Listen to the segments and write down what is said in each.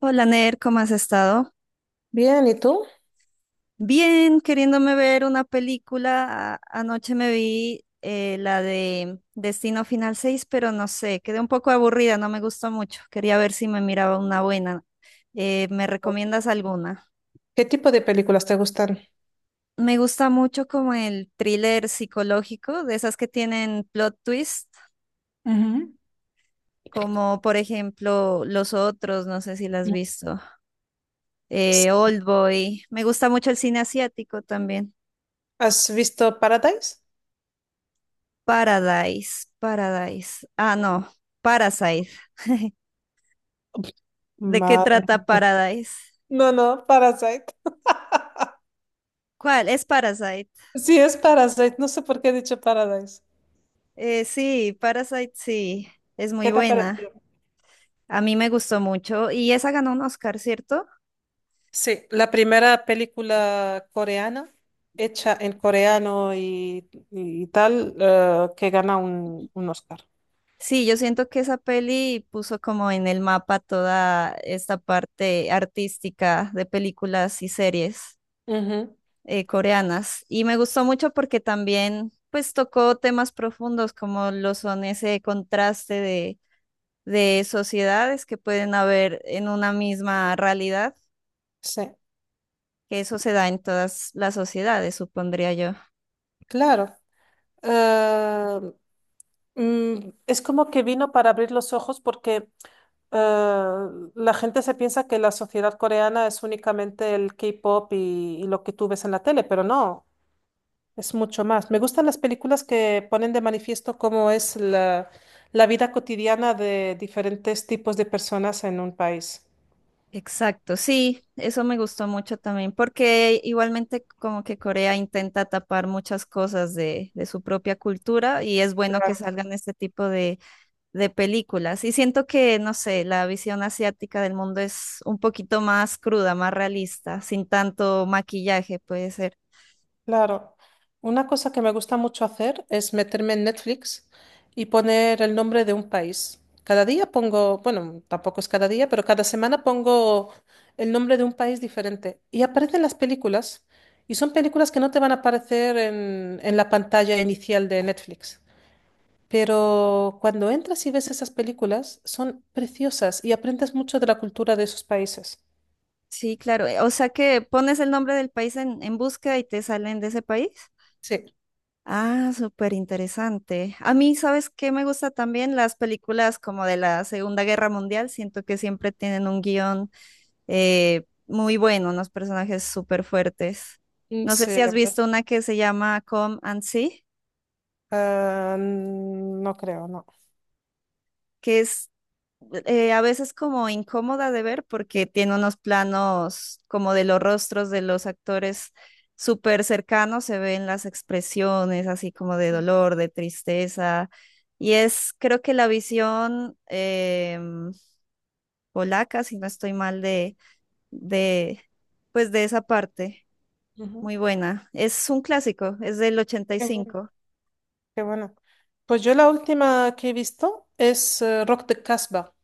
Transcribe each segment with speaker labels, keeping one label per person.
Speaker 1: Hola Ner, ¿cómo has estado?
Speaker 2: Bien, ¿y tú?
Speaker 1: Bien, queriéndome ver una película. Anoche me vi la de Destino Final 6, pero no sé, quedé un poco aburrida, no me gustó mucho. Quería ver si me miraba una buena. ¿Me recomiendas alguna?
Speaker 2: ¿Qué tipo de películas te gustan?
Speaker 1: Me gusta mucho como el thriller psicológico, de esas que tienen plot twist,
Speaker 2: Ujú.
Speaker 1: como por ejemplo Los Otros, no sé si las has visto,
Speaker 2: S-
Speaker 1: Oldboy. Me gusta mucho el cine asiático también.
Speaker 2: ¿Has visto Paradise?
Speaker 1: Paradise, Paradise. Ah, no, Parasite. ¿De qué
Speaker 2: Madre
Speaker 1: trata
Speaker 2: mía.
Speaker 1: Paradise?
Speaker 2: No, no, Parasite.
Speaker 1: ¿Cuál? Es Parasite.
Speaker 2: Sí, es Parasite. No sé por qué he dicho Paradise.
Speaker 1: Sí, Parasite sí, es muy
Speaker 2: ¿Qué te ha
Speaker 1: buena.
Speaker 2: parecido?
Speaker 1: A mí me gustó mucho y esa ganó un Oscar, ¿cierto?
Speaker 2: Sí, la primera película coreana hecha en coreano y tal que gana un Oscar.
Speaker 1: Sí, yo siento que esa peli puso como en el mapa toda esta parte artística de películas y series
Speaker 2: Ujú.
Speaker 1: coreanas. Y me gustó mucho porque también pues tocó temas profundos como lo son ese contraste de sociedades que pueden haber en una misma realidad,
Speaker 2: Sí,
Speaker 1: que eso se da en todas las sociedades, supondría yo.
Speaker 2: claro. Eh, es como que vino para abrir los ojos porque eh, la gente se piensa que la sociedad coreana es únicamente el K-pop y lo que tú ves en la tele, pero no, es mucho más. Me gustan las películas que ponen de manifiesto cómo es la vida cotidiana de diferentes tipos de personas en un país.
Speaker 1: Exacto, sí, eso me gustó mucho también, porque igualmente como que Corea intenta tapar muchas cosas de su propia cultura y es bueno que salgan este tipo de películas. Y siento que, no sé, la visión asiática del mundo es un poquito más cruda, más realista, sin tanto maquillaje, puede ser.
Speaker 2: Claro, una cosa que me gusta mucho hacer es meterme en Netflix y poner el nombre de un país. Cada día pongo, bueno, tampoco es cada día, pero cada semana pongo el nombre de un país diferente. Y aparecen las películas, y son películas que no te van a aparecer en la pantalla inicial de Netflix. Pero cuando entras y ves esas películas, son preciosas y aprendes mucho de la cultura de esos países.
Speaker 1: Sí, claro. O sea que pones el nombre del país en búsqueda y te salen de ese país.
Speaker 2: Sí,
Speaker 1: Ah, súper interesante. A mí, ¿sabes qué me gusta también? Las películas como de la Segunda Guerra Mundial. Siento que siempre tienen un guión muy bueno, unos personajes súper fuertes. No sé
Speaker 2: sí,
Speaker 1: si has
Speaker 2: la verdad.
Speaker 1: visto una que se llama Come and See,
Speaker 2: Ah, no creo, no.
Speaker 1: que es a veces como incómoda de ver porque tiene unos planos como de los rostros de los actores súper cercanos, se ven las expresiones así como de dolor, de tristeza. Y es, creo que la visión polaca, si no estoy mal, de, pues de esa parte,
Speaker 2: Ujú.
Speaker 1: muy buena. Es un clásico, es del ochenta y
Speaker 2: Qué bueno,
Speaker 1: cinco
Speaker 2: qué bueno. Pues yo la última que he visto es Rock de Casbah,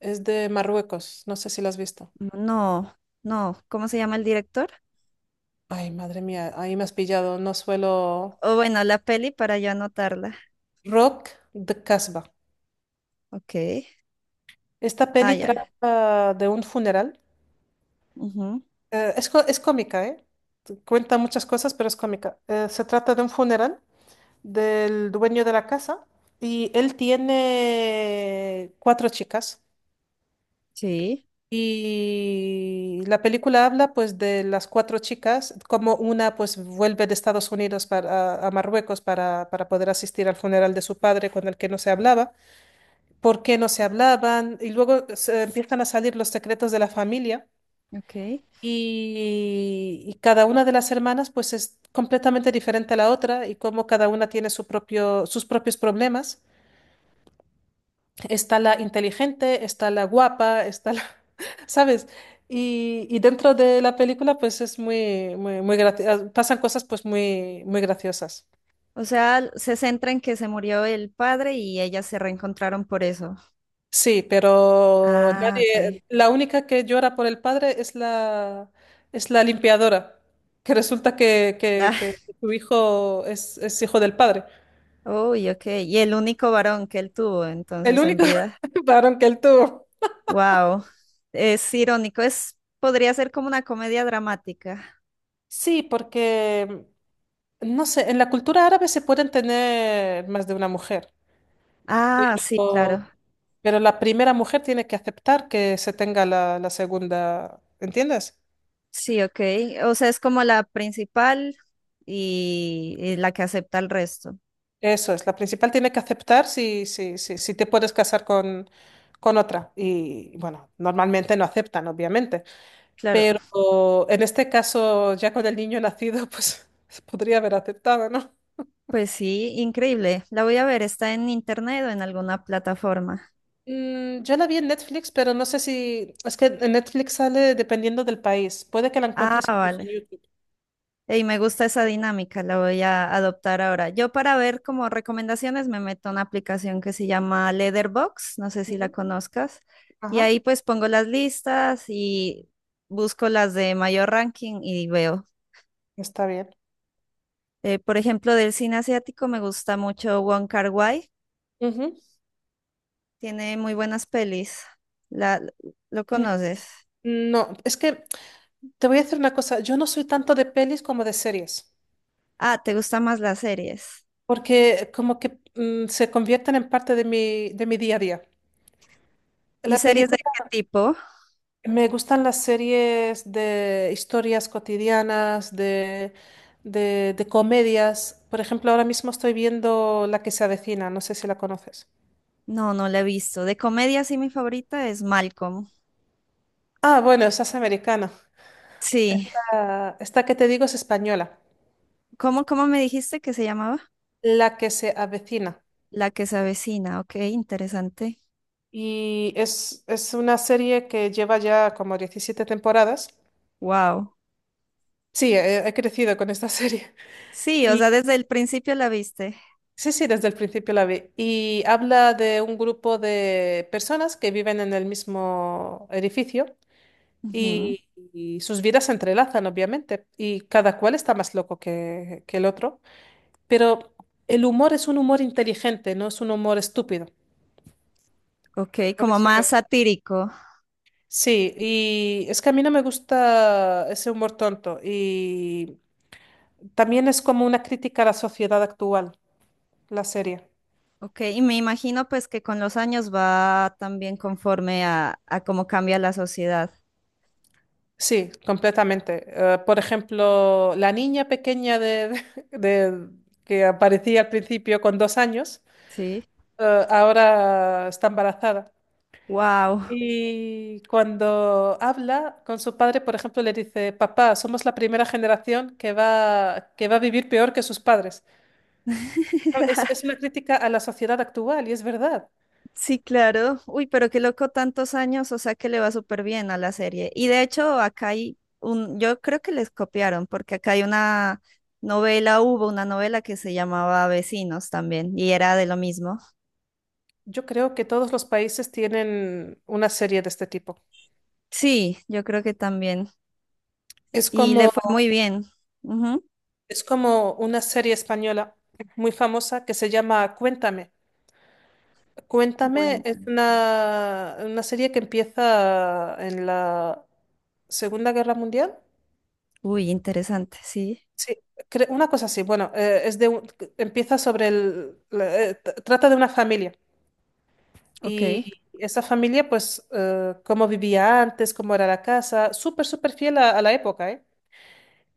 Speaker 2: es de Marruecos, no sé si la has visto.
Speaker 1: No, no, ¿cómo se llama el director?
Speaker 2: Ay, madre mía, ahí me has pillado, no suelo...
Speaker 1: O bueno, la peli para yo anotarla.
Speaker 2: Rock de Casbah.
Speaker 1: Ok.
Speaker 2: Esta
Speaker 1: Ah,
Speaker 2: peli
Speaker 1: ya.
Speaker 2: trata de un funeral.
Speaker 1: Ujú.
Speaker 2: Es cómica, ¿eh? Cuenta muchas cosas, pero es cómica. Se trata de un funeral del dueño de la casa y él tiene cuatro chicas.
Speaker 1: Sí,
Speaker 2: Y la película habla pues de las cuatro chicas, como una pues vuelve de Estados Unidos para, a Marruecos para poder asistir al funeral de su padre con el que no se hablaba, por qué no se hablaban, y luego se empiezan a salir los secretos de la familia
Speaker 1: ok.
Speaker 2: y cada una de las hermanas pues es completamente diferente a la otra y cómo cada una tiene su propio, sus propios problemas. Está la inteligente, está la guapa, está la, ¿sabes? Y dentro de la película, pues es muy, muy, pasan cosas pues muy, muy graciosas.
Speaker 1: O sea, se centra en que se murió el padre y ellas se reencontraron por eso.
Speaker 2: Sí, pero
Speaker 1: Ah, ok.
Speaker 2: la única que llora por el padre es es la limpiadora, que resulta
Speaker 1: Ah,
Speaker 2: que su hijo es hijo del padre.
Speaker 1: uy, ok. Y el único varón que él tuvo
Speaker 2: El
Speaker 1: entonces en
Speaker 2: único
Speaker 1: vida.
Speaker 2: varón que él tuvo.
Speaker 1: Wow. Es irónico, es, podría ser como una comedia dramática.
Speaker 2: Sí, porque, no sé, en la cultura árabe se pueden tener más de una mujer.
Speaker 1: Ah, sí, claro.
Speaker 2: Pero la primera mujer tiene que aceptar que se tenga la segunda, ¿entiendes?
Speaker 1: Sí, ok. O sea, es como la principal y la que acepta el resto.
Speaker 2: Eso es, la principal tiene que aceptar si te puedes casar con otra. Y bueno, normalmente no aceptan, obviamente.
Speaker 1: Claro,
Speaker 2: Pero en este caso, ya con el niño nacido, pues podría haber aceptado, ¿no?
Speaker 1: pues sí, increíble. La voy a ver, está en internet o en alguna plataforma.
Speaker 2: Mm, yo la vi en Netflix, pero no sé si... Es que en Netflix sale dependiendo del país. Puede que la
Speaker 1: Ah,
Speaker 2: encuentres incluso en
Speaker 1: vale.
Speaker 2: YouTube.
Speaker 1: Y me gusta esa dinámica, la voy a adoptar ahora. Yo para ver como recomendaciones me meto a una aplicación que se llama Letterbox, no sé si la
Speaker 2: Ujú.
Speaker 1: conozcas, y
Speaker 2: Ajá,
Speaker 1: ahí pues pongo las listas y busco las de mayor ranking y veo.
Speaker 2: está bien.
Speaker 1: Por ejemplo, del cine asiático me gusta mucho Wong Kar-wai,
Speaker 2: Ujú.
Speaker 1: tiene muy buenas pelis. La, ¿Lo conoces?
Speaker 2: No, es que Te voy a decir una cosa, yo no soy tanto de pelis como de series,
Speaker 1: Ah, ¿te gustan más las series?
Speaker 2: porque como que se convierten en parte de mi día a día.
Speaker 1: ¿Y
Speaker 2: La
Speaker 1: series de
Speaker 2: película,
Speaker 1: qué tipo?
Speaker 2: Me gustan las series de historias cotidianas, de comedias. Por ejemplo, ahora mismo estoy viendo La que se avecina, no sé si la conoces.
Speaker 1: No, no la he visto. De comedia sí mi favorita es Malcolm.
Speaker 2: Ah, bueno, esa es americana.
Speaker 1: Sí,
Speaker 2: Esta que te digo es española.
Speaker 1: ¿cómo me dijiste que se llamaba?
Speaker 2: La que se avecina.
Speaker 1: La que se avecina, ok, interesante.
Speaker 2: Y es una serie que lleva ya como 17 temporadas.
Speaker 1: Wow.
Speaker 2: Sí, he crecido con esta serie.
Speaker 1: Sí, o sea,
Speaker 2: Y
Speaker 1: desde el principio la viste.
Speaker 2: sí, sí, desde el principio la vi. Y habla de un grupo de personas que viven en el mismo edificio
Speaker 1: Ujú.
Speaker 2: y, y sus vidas se entrelazan, obviamente, y cada cual está más loco que el otro. Pero el humor es un humor inteligente, no es un humor estúpido.
Speaker 1: Ok,
Speaker 2: Por
Speaker 1: como
Speaker 2: eso me...
Speaker 1: más satírico.
Speaker 2: Sí, y es que a mí no me gusta ese humor tonto. Y también es como una crítica a la sociedad actual, la serie.
Speaker 1: Ok, y me imagino pues que con los años va también conforme a cómo cambia la sociedad.
Speaker 2: Sí, completamente. Por ejemplo, la niña pequeña de, de- que aparecía al principio con dos años,
Speaker 1: Sí,
Speaker 2: ahora está embarazada.
Speaker 1: wow.
Speaker 2: Y cuando habla con su padre, por ejemplo, le dice, papá, somos la primera generación que va a vivir peor que sus padres. Ah, Es, es una crítica a la sociedad actual y es verdad.
Speaker 1: Sí, claro. Uy, pero qué loco tantos años, o sea que le va súper bien a la serie. Y de hecho, acá hay un, yo creo que les copiaron, porque acá hay una novela, hubo una novela que se llamaba Vecinos también, y era de lo mismo.
Speaker 2: Yo creo que todos los países tienen una serie de este tipo.
Speaker 1: Sí, yo creo que también.
Speaker 2: Es
Speaker 1: Y le
Speaker 2: como
Speaker 1: fue muy bien. Ujú.
Speaker 2: Es como una serie española muy famosa que se llama Cuéntame. Cuéntame es
Speaker 1: Cuentan.
Speaker 2: una serie que empieza en la Segunda Guerra Mundial.
Speaker 1: Uy, interesante, sí.
Speaker 2: Sí, una cosa así. Bueno, empieza sobre el, la- t- trata de una familia
Speaker 1: Ok.
Speaker 2: y esa familia, pues, cómo vivía antes, cómo era la casa, súper, súper fiel a la época, ¿eh?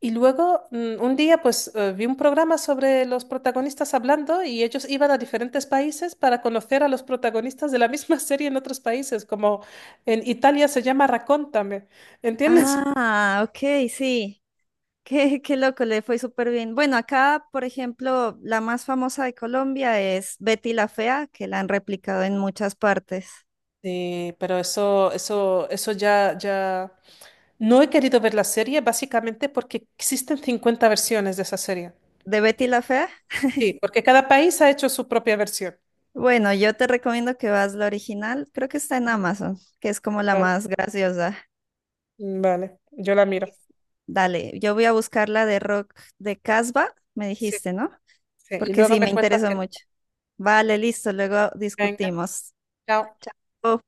Speaker 2: Y luego, un día, pues vi un programa sobre los protagonistas hablando y ellos iban a diferentes países para conocer a los protagonistas de la misma serie en otros países, como en Italia se llama Raccontame, ¿entiendes?
Speaker 1: Ah, ok, sí. Qué loco, le fue súper bien. Bueno, acá, por ejemplo, la más famosa de Colombia es Betty la Fea, que la han replicado en muchas partes.
Speaker 2: Sí, pero eso ya, ya... No he querido ver la serie básicamente porque existen 50 versiones de esa serie.
Speaker 1: ¿De Betty la Fea?
Speaker 2: Sí, porque cada país ha hecho su propia versión.
Speaker 1: Bueno, yo te recomiendo que vas la original, creo que está en
Speaker 2: Ujú.
Speaker 1: Amazon, que es como la
Speaker 2: Vale,
Speaker 1: más graciosa.
Speaker 2: vale, yo la miro.
Speaker 1: Dale, yo voy a buscar la de rock de Casbah, me
Speaker 2: Sí,
Speaker 1: dijiste, ¿no?
Speaker 2: sí. Y
Speaker 1: Porque
Speaker 2: luego
Speaker 1: sí, me
Speaker 2: me cuentas
Speaker 1: interesa
Speaker 2: que...
Speaker 1: mucho. Vale, listo, luego
Speaker 2: Venga,
Speaker 1: discutimos.
Speaker 2: chao.
Speaker 1: Chao.